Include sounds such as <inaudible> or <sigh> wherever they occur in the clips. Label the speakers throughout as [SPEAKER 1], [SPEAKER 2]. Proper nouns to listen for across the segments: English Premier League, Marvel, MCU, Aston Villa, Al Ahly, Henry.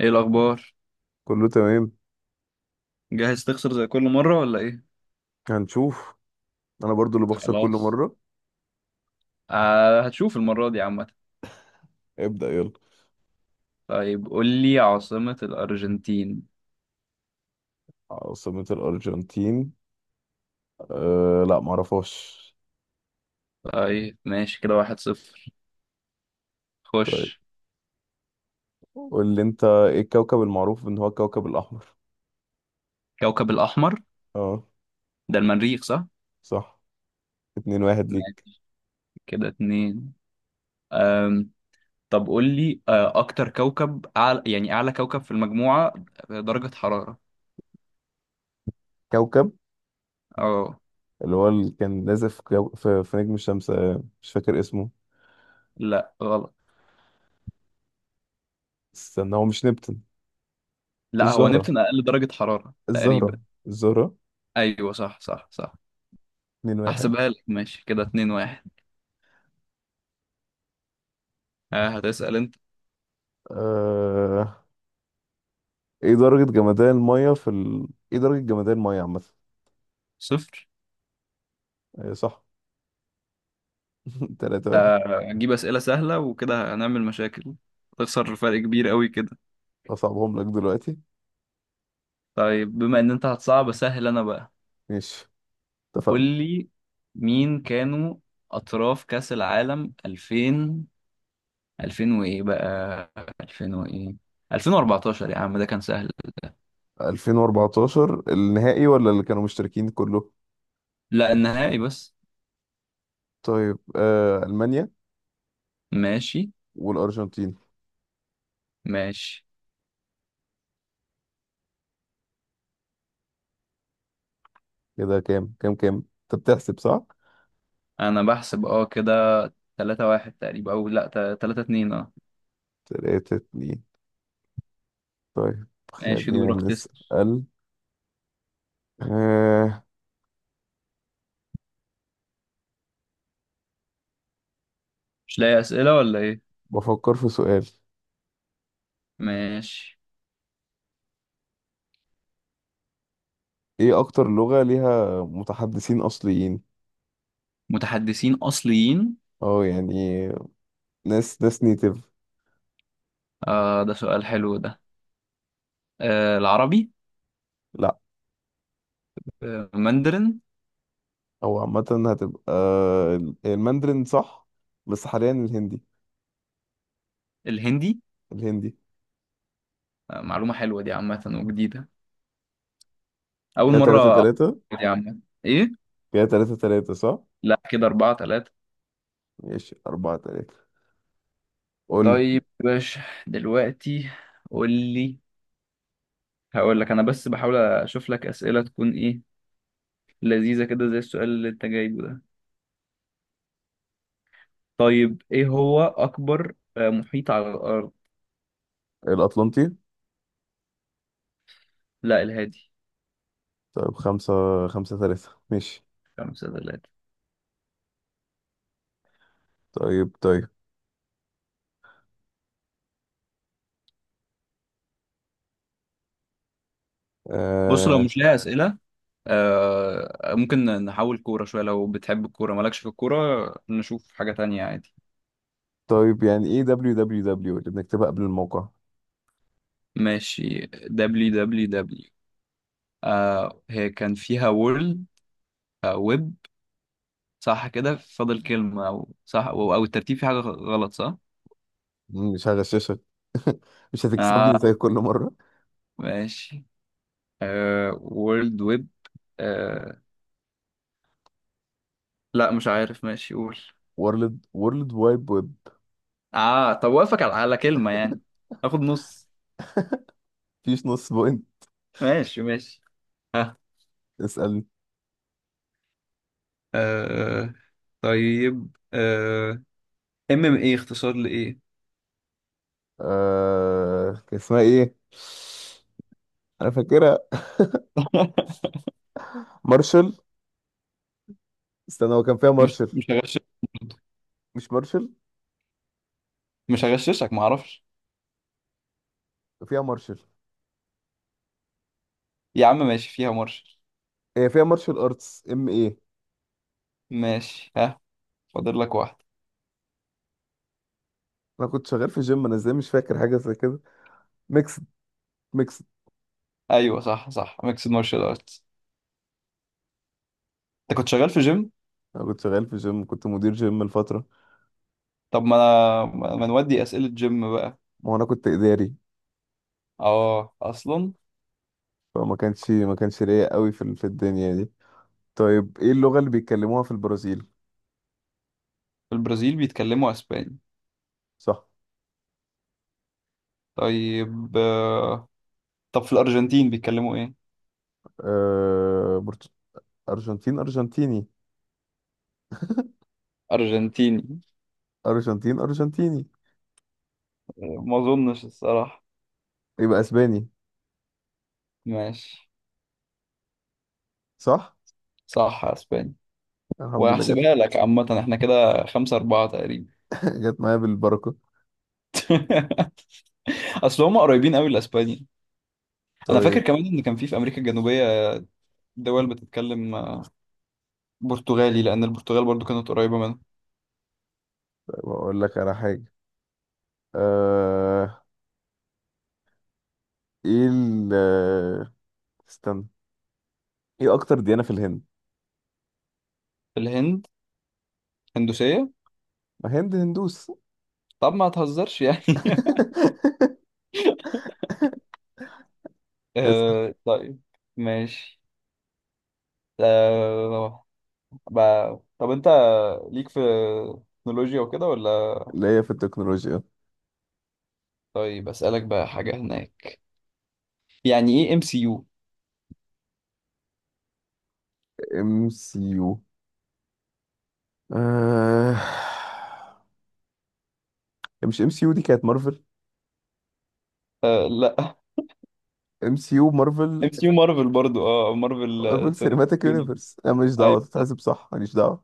[SPEAKER 1] ايه الاخبار؟
[SPEAKER 2] كله تمام.
[SPEAKER 1] جاهز تخسر زي كل مره ولا ايه؟
[SPEAKER 2] هنشوف. انا برضو اللي بخسر كل
[SPEAKER 1] خلاص،
[SPEAKER 2] مرة.
[SPEAKER 1] آه هتشوف المره دي عامه.
[SPEAKER 2] ابدأ يلا.
[SPEAKER 1] طيب قول لي عاصمه الارجنتين.
[SPEAKER 2] عاصمة الأرجنتين، لا معرفهاش.
[SPEAKER 1] طيب ماشي، كده واحد صفر. خش.
[SPEAKER 2] طيب، قول لي انت ايه الكوكب المعروف ان هو الكوكب الأحمر؟
[SPEAKER 1] كوكب الاحمر
[SPEAKER 2] اه،
[SPEAKER 1] ده المريخ صح؟
[SPEAKER 2] صح. 2-1 ليك.
[SPEAKER 1] ماشي، كده اتنين. أم. طب قول لي اكتر كوكب أعلى، يعني اعلى كوكب في المجموعه درجه حراره.
[SPEAKER 2] كوكب
[SPEAKER 1] اه
[SPEAKER 2] اللي هو اللي كان نازل في نجم الشمس، مش فاكر اسمه.
[SPEAKER 1] لا غلط.
[SPEAKER 2] استنى، هو مش نبتون؟
[SPEAKER 1] لا هو
[SPEAKER 2] الزهرة،
[SPEAKER 1] نبتون اقل درجه حراره
[SPEAKER 2] الزهرة،
[SPEAKER 1] تقريبا.
[SPEAKER 2] الزهرة.
[SPEAKER 1] ايوه صح صح صح.
[SPEAKER 2] 2-1.
[SPEAKER 1] هحسبها لك، ماشي كده اتنين واحد. آه هتسأل انت.
[SPEAKER 2] أه... ايه درجة جمدان المية في ال... ايه درجة جمدان المية عامة؟
[SPEAKER 1] صفر.
[SPEAKER 2] أيوة، صح. <laughs> 3-1.
[SPEAKER 1] آه، هنجيب أسئلة سهلة وكده هنعمل مشاكل. هتخسر فرق كبير قوي كده.
[SPEAKER 2] اصعبهم لك دلوقتي.
[SPEAKER 1] طيب بما إن أنت هتصعب سهل أنا بقى.
[SPEAKER 2] ماشي،
[SPEAKER 1] قول
[SPEAKER 2] اتفقنا.
[SPEAKER 1] لي، مين كانوا أطراف كأس العالم 2000؟ 2000 وإيه بقى؟ 2000 وإيه؟ 2014؟ يا عم ده كان سهل.
[SPEAKER 2] 2014 النهائي ولا اللي كانوا مشتركين كله؟
[SPEAKER 1] لا النهائي بس.
[SPEAKER 2] طيب، المانيا
[SPEAKER 1] ماشي.
[SPEAKER 2] والارجنتين.
[SPEAKER 1] ماشي
[SPEAKER 2] كده كام كام كام؟ انت بتحسب صح؟
[SPEAKER 1] أنا بحسب كده. 3 1 تقريبا أو لا؟ 3 2 أه.
[SPEAKER 2] 3-2. طيب،
[SPEAKER 1] ماشي
[SPEAKER 2] خلينا
[SPEAKER 1] دورك تسأل.
[SPEAKER 2] نسأل. آه
[SPEAKER 1] مش لاقي أسئلة ولا إيه؟
[SPEAKER 2] بفكر في سؤال.
[SPEAKER 1] ماشي.
[SPEAKER 2] ايه اكتر لغة ليها متحدثين اصليين؟
[SPEAKER 1] متحدثين أصليين؟
[SPEAKER 2] اه يعني ناس نيتيف.
[SPEAKER 1] آه ده سؤال حلو ده. آه العربي.
[SPEAKER 2] لا.
[SPEAKER 1] آه ماندرين.
[SPEAKER 2] هو عامة هتبقى الماندرين، صح؟ بس حاليا الهندي.
[SPEAKER 1] الهندي.
[SPEAKER 2] الهندي.
[SPEAKER 1] آه معلومة حلوة دي عامة وجديدة، أول
[SPEAKER 2] كده
[SPEAKER 1] مرة
[SPEAKER 2] تلاتة
[SPEAKER 1] أعرف.
[SPEAKER 2] تلاتة
[SPEAKER 1] دي عامة. إيه؟
[SPEAKER 2] كده 3-3، صح؟
[SPEAKER 1] لا كده أربعة تلاتة.
[SPEAKER 2] ماشي، 4-3. قول لي.
[SPEAKER 1] طيب يا باشا، دلوقتي قول لي. هقول لك، أنا بس بحاول أشوف لك أسئلة تكون إيه، لذيذة كده زي السؤال اللي أنت جايبه ده. طيب إيه هو أكبر محيط على الأرض؟
[SPEAKER 2] الأطلنطي.
[SPEAKER 1] لا الهادي.
[SPEAKER 2] طيب، خمسة. 5-3 ماشي.
[SPEAKER 1] خمسة تلاتة.
[SPEAKER 2] طيب، طيب.
[SPEAKER 1] بص لو
[SPEAKER 2] آه
[SPEAKER 1] مش ليها أسئلة، آه ممكن نحول كورة شوية، لو بتحب الكورة، مالكش في الكورة نشوف حاجة تانية عادي.
[SPEAKER 2] طيب، يعني إيه دبليو دبليو دبليو اللي بنكتبها قبل الموقع؟
[SPEAKER 1] ماشي، دبليو دبليو دبليو، آه هي كان فيها وورلد، آه ويب، صح؟ كده فاضل كلمة، أو صح، أو الترتيب في حاجة غلط صح؟
[SPEAKER 2] مش هغششك. <laughs> مش هتكسبني
[SPEAKER 1] آه
[SPEAKER 2] زي كل مرة.
[SPEAKER 1] ماشي. آه وورلد ويب. آه لا مش عارف، ماشي قول.
[SPEAKER 2] وورلد وايد ويب.
[SPEAKER 1] آه طب وافقك على كلمة يعني، آخد نص.
[SPEAKER 2] مفيش نص بوينت.
[SPEAKER 1] ماشي ماشي. <laughs>
[SPEAKER 2] اسألني.
[SPEAKER 1] آه طيب. آه ام ام ايه اختصار لايه؟
[SPEAKER 2] كان اسمها إيه؟ أنا فاكرها.
[SPEAKER 1] <laughs>
[SPEAKER 2] مارشل. استنى، هو كان فيها
[SPEAKER 1] مش
[SPEAKER 2] مارشل.
[SPEAKER 1] مش هغششك.
[SPEAKER 2] مش مارشل.
[SPEAKER 1] مش هغششك معرفش.
[SPEAKER 2] فيها مارشل.
[SPEAKER 1] يا عم ماشي فيها مارشال.
[SPEAKER 2] هي فيها مارشل ارتس. ام ايه.
[SPEAKER 1] ماشي، ها فاضل لك واحد.
[SPEAKER 2] انا كنت شغال في جيم. انا ازاي مش فاكر حاجه زي كده؟ ميكس. ميكس.
[SPEAKER 1] ايوه صح صح، ميكس مارشال ارتس. انت كنت شغال في جيم؟
[SPEAKER 2] انا كنت شغال في جيم، كنت مدير جيم لفتره.
[SPEAKER 1] طب ما انا، ما نودي اسئله جيم بقى.
[SPEAKER 2] ما هو انا كنت اداري.
[SPEAKER 1] اه اصلا.
[SPEAKER 2] فما كانش ما كانش ليا قوي في الدنيا دي. طيب، ايه اللغه اللي بيتكلموها في البرازيل؟
[SPEAKER 1] في البرازيل بيتكلموا اسباني؟
[SPEAKER 2] صح.
[SPEAKER 1] طيب طب في الارجنتين بيتكلموا ايه؟
[SPEAKER 2] آه... برت- ارجنتين ارجنتيني.
[SPEAKER 1] ارجنتيني؟
[SPEAKER 2] ارجنتين ارجنتيني.
[SPEAKER 1] آه، ما اظنش الصراحه.
[SPEAKER 2] يبقى اسباني.
[SPEAKER 1] ماشي.
[SPEAKER 2] صح.
[SPEAKER 1] صح اسباني.
[SPEAKER 2] الحمد لله جت.
[SPEAKER 1] وهحسبها لك عامة، احنا كده خمسة أربعة تقريبا.
[SPEAKER 2] <laughs> جت معايا بالبركه.
[SPEAKER 1] <laughs> أصل هم قريبين قوي لأسبانيا. أنا فاكر
[SPEAKER 2] طيب.
[SPEAKER 1] كمان إن كان في أمريكا الجنوبية دول بتتكلم برتغالي، لأن البرتغال برضو كانت قريبة منها.
[SPEAKER 2] بقول لك على حاجه. آه... ايه ال آه، استنى. ايه اكتر ديانه في الهند؟
[SPEAKER 1] الهند هندوسية.
[SPEAKER 2] ما هند هندوس.
[SPEAKER 1] طب ما تهزرش يعني.
[SPEAKER 2] <laughs>
[SPEAKER 1] <laughs>
[SPEAKER 2] اسأل.
[SPEAKER 1] آه، طيب. ماشي. آه، طب أنت ليك في تكنولوجيا وكده ولا؟
[SPEAKER 2] اللي هي في التكنولوجيا.
[SPEAKER 1] طيب أسألك بقى حاجة هناك، يعني إيه ام سي يو؟
[SPEAKER 2] ام سي يو. آه... مش ام سي يو دي كانت مارفل؟
[SPEAKER 1] آه لا <laughs>
[SPEAKER 2] ام سي يو مارفل.
[SPEAKER 1] ام سي يو مارفل برضو، اه مارفل،
[SPEAKER 2] مارفل
[SPEAKER 1] سينماتيك
[SPEAKER 2] سينماتيك
[SPEAKER 1] يونيفرس.
[SPEAKER 2] يونيفرس. انا ماليش دعوه
[SPEAKER 1] أيوة.
[SPEAKER 2] تتحسب، صح، ماليش دعوه.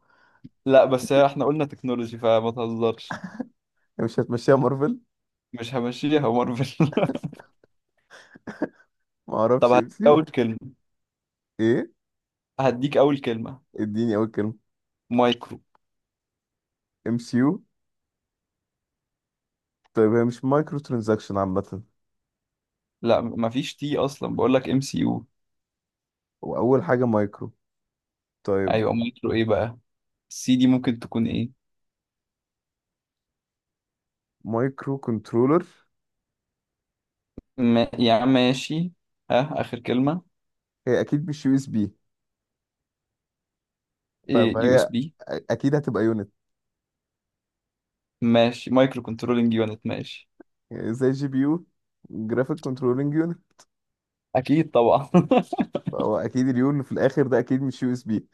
[SPEAKER 1] لا بس هي احنا قلنا تكنولوجي فما تهزرش.
[SPEAKER 2] يعني مش هتمشيها مارفل؟
[SPEAKER 1] مش همشيها مارفل. <laughs>
[SPEAKER 2] ما
[SPEAKER 1] طب
[SPEAKER 2] اعرفش ام
[SPEAKER 1] هديك
[SPEAKER 2] سي يو.
[SPEAKER 1] اول كلمة.
[SPEAKER 2] ايه؟
[SPEAKER 1] هديك اول كلمة.
[SPEAKER 2] اديني اول كلمه.
[SPEAKER 1] مايكرو.
[SPEAKER 2] ام سي يو. طيب، هي مش مايكرو ترانزاكشن عامه؟
[SPEAKER 1] لا مفيش تي اصلا، بقول لك ام سي يو.
[SPEAKER 2] واول حاجه مايكرو. طيب.
[SPEAKER 1] ايوه مايكرو ايه بقى؟ السي دي ممكن تكون ايه؟
[SPEAKER 2] مايكرو كنترولر.
[SPEAKER 1] ما... يعني ماشي، ها اخر كلمة.
[SPEAKER 2] هي اكيد مش يو اس بي،
[SPEAKER 1] إيه يو اس
[SPEAKER 2] فهي
[SPEAKER 1] بي؟
[SPEAKER 2] اكيد هتبقى يونت.
[SPEAKER 1] ماشي، مايكرو كنترولينج يونت ماشي.
[SPEAKER 2] زي جي بي يو. جرافيك كنترولينج يونت.
[SPEAKER 1] اكيد طبعا.
[SPEAKER 2] فهو اكيد اليو اللي في الاخر ده اكيد مش يو اس بي.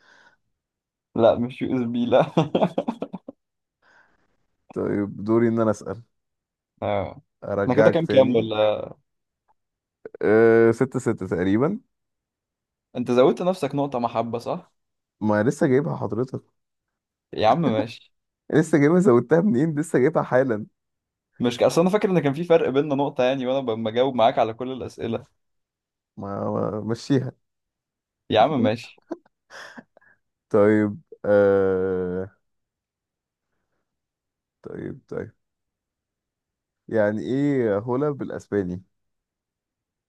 [SPEAKER 1] <laughs> لا مش يو اس بي لا <laughs>
[SPEAKER 2] طيب، دوري ان انا اسال.
[SPEAKER 1] آه. احنا كده
[SPEAKER 2] ارجعك
[SPEAKER 1] كام كام
[SPEAKER 2] تاني.
[SPEAKER 1] ولا؟
[SPEAKER 2] 6-6 تقريبا.
[SPEAKER 1] انت زودت نفسك نقطة محبة صح؟
[SPEAKER 2] ما لسه جايبها حضرتك.
[SPEAKER 1] يا عم ماشي.
[SPEAKER 2] لسه جايبها، زودتها منين؟ لسه جايبها حالا.
[SPEAKER 1] مش ك- اصل انا فاكر ان كان في فرق بيننا نقطة يعني، وانا بجاوب معاك على كل الأسئلة.
[SPEAKER 2] ما مشيها.
[SPEAKER 1] يا عم ماشي.
[SPEAKER 2] طيب، طيب، طيب. يعني ايه هولا بالاسباني؟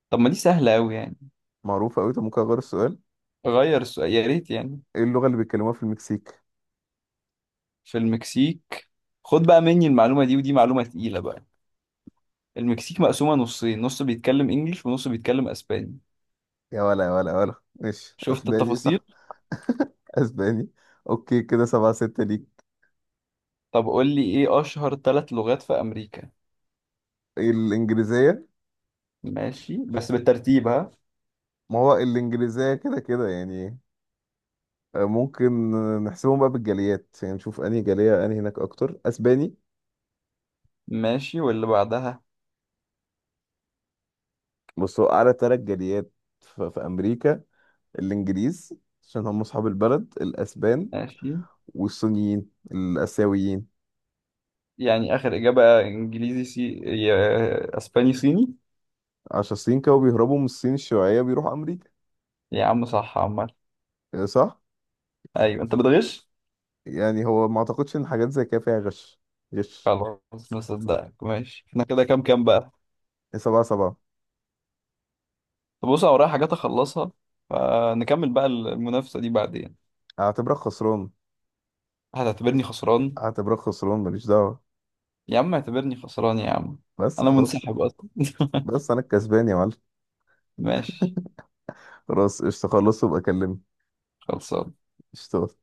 [SPEAKER 1] طب ما دي سهلة قوي يعني.
[SPEAKER 2] معروفة قوي. طب ممكن اغير السؤال.
[SPEAKER 1] غير السؤال يا ريت يعني.
[SPEAKER 2] ايه اللغة اللي بيتكلموها في المكسيك؟
[SPEAKER 1] في المكسيك، خد بقى مني المعلومة دي، ودي معلومة تقيلة بقى. المكسيك مقسومة نصين، نص بيتكلم انجليش ونص بيتكلم اسباني.
[SPEAKER 2] يا ولا يا ولا يا ولا ماشي،
[SPEAKER 1] شفت
[SPEAKER 2] اسباني
[SPEAKER 1] التفاصيل؟
[SPEAKER 2] صح. <laughs> اسباني. اوكي، كده 7-6 ليك.
[SPEAKER 1] طب قول لي ايه اشهر ثلاث لغات في امريكا.
[SPEAKER 2] الإنجليزية.
[SPEAKER 1] ماشي بس بالترتيب ها.
[SPEAKER 2] ما هو الإنجليزية كده كده يعني. ممكن نحسبهم بقى بالجاليات، يعني نشوف أنهي جالية أنهي هناك أكتر. أسباني.
[SPEAKER 1] ماشي واللي بعدها.
[SPEAKER 2] بص، هو أعلى تلات جاليات في أمريكا. الإنجليز، عشان هم أصحاب البلد. الأسبان
[SPEAKER 1] ماشي.
[SPEAKER 2] والصينيين الآسيويين،
[SPEAKER 1] يعني اخر اجابة انجليزي، اسباني صيني.
[SPEAKER 2] عشان الصين كانوا بيهربوا من الصين الشيوعية بيروحوا أمريكا.
[SPEAKER 1] يا عم صح عمال.
[SPEAKER 2] آه، صح؟
[SPEAKER 1] ايوه انت بتغش.
[SPEAKER 2] يعني هو ما أعتقدش إن حاجات زي كده فيها غش. غش.
[SPEAKER 1] خلاص نصدقك ماشي، احنا كده كام كام بقى؟
[SPEAKER 2] إيه، 7-7.
[SPEAKER 1] طب بص انا ورايا حاجات اخلصها، فنكمل بقى المنافسة دي بعدين.
[SPEAKER 2] أعتبرك خسران.
[SPEAKER 1] هتعتبرني خسران؟
[SPEAKER 2] أعتبرك خسران، ماليش دعوة.
[SPEAKER 1] يا عم اعتبرني خسران يا عم،
[SPEAKER 2] بس
[SPEAKER 1] انا
[SPEAKER 2] خلاص.
[SPEAKER 1] منسحب اصلا. <laughs>
[SPEAKER 2] بس أنا الكسبان يا معلم.
[SPEAKER 1] ماشي.
[SPEAKER 2] خلاص، قشطة. خلص وابقى كلمني.
[SPEAKER 1] خلصان.
[SPEAKER 2] قشطة.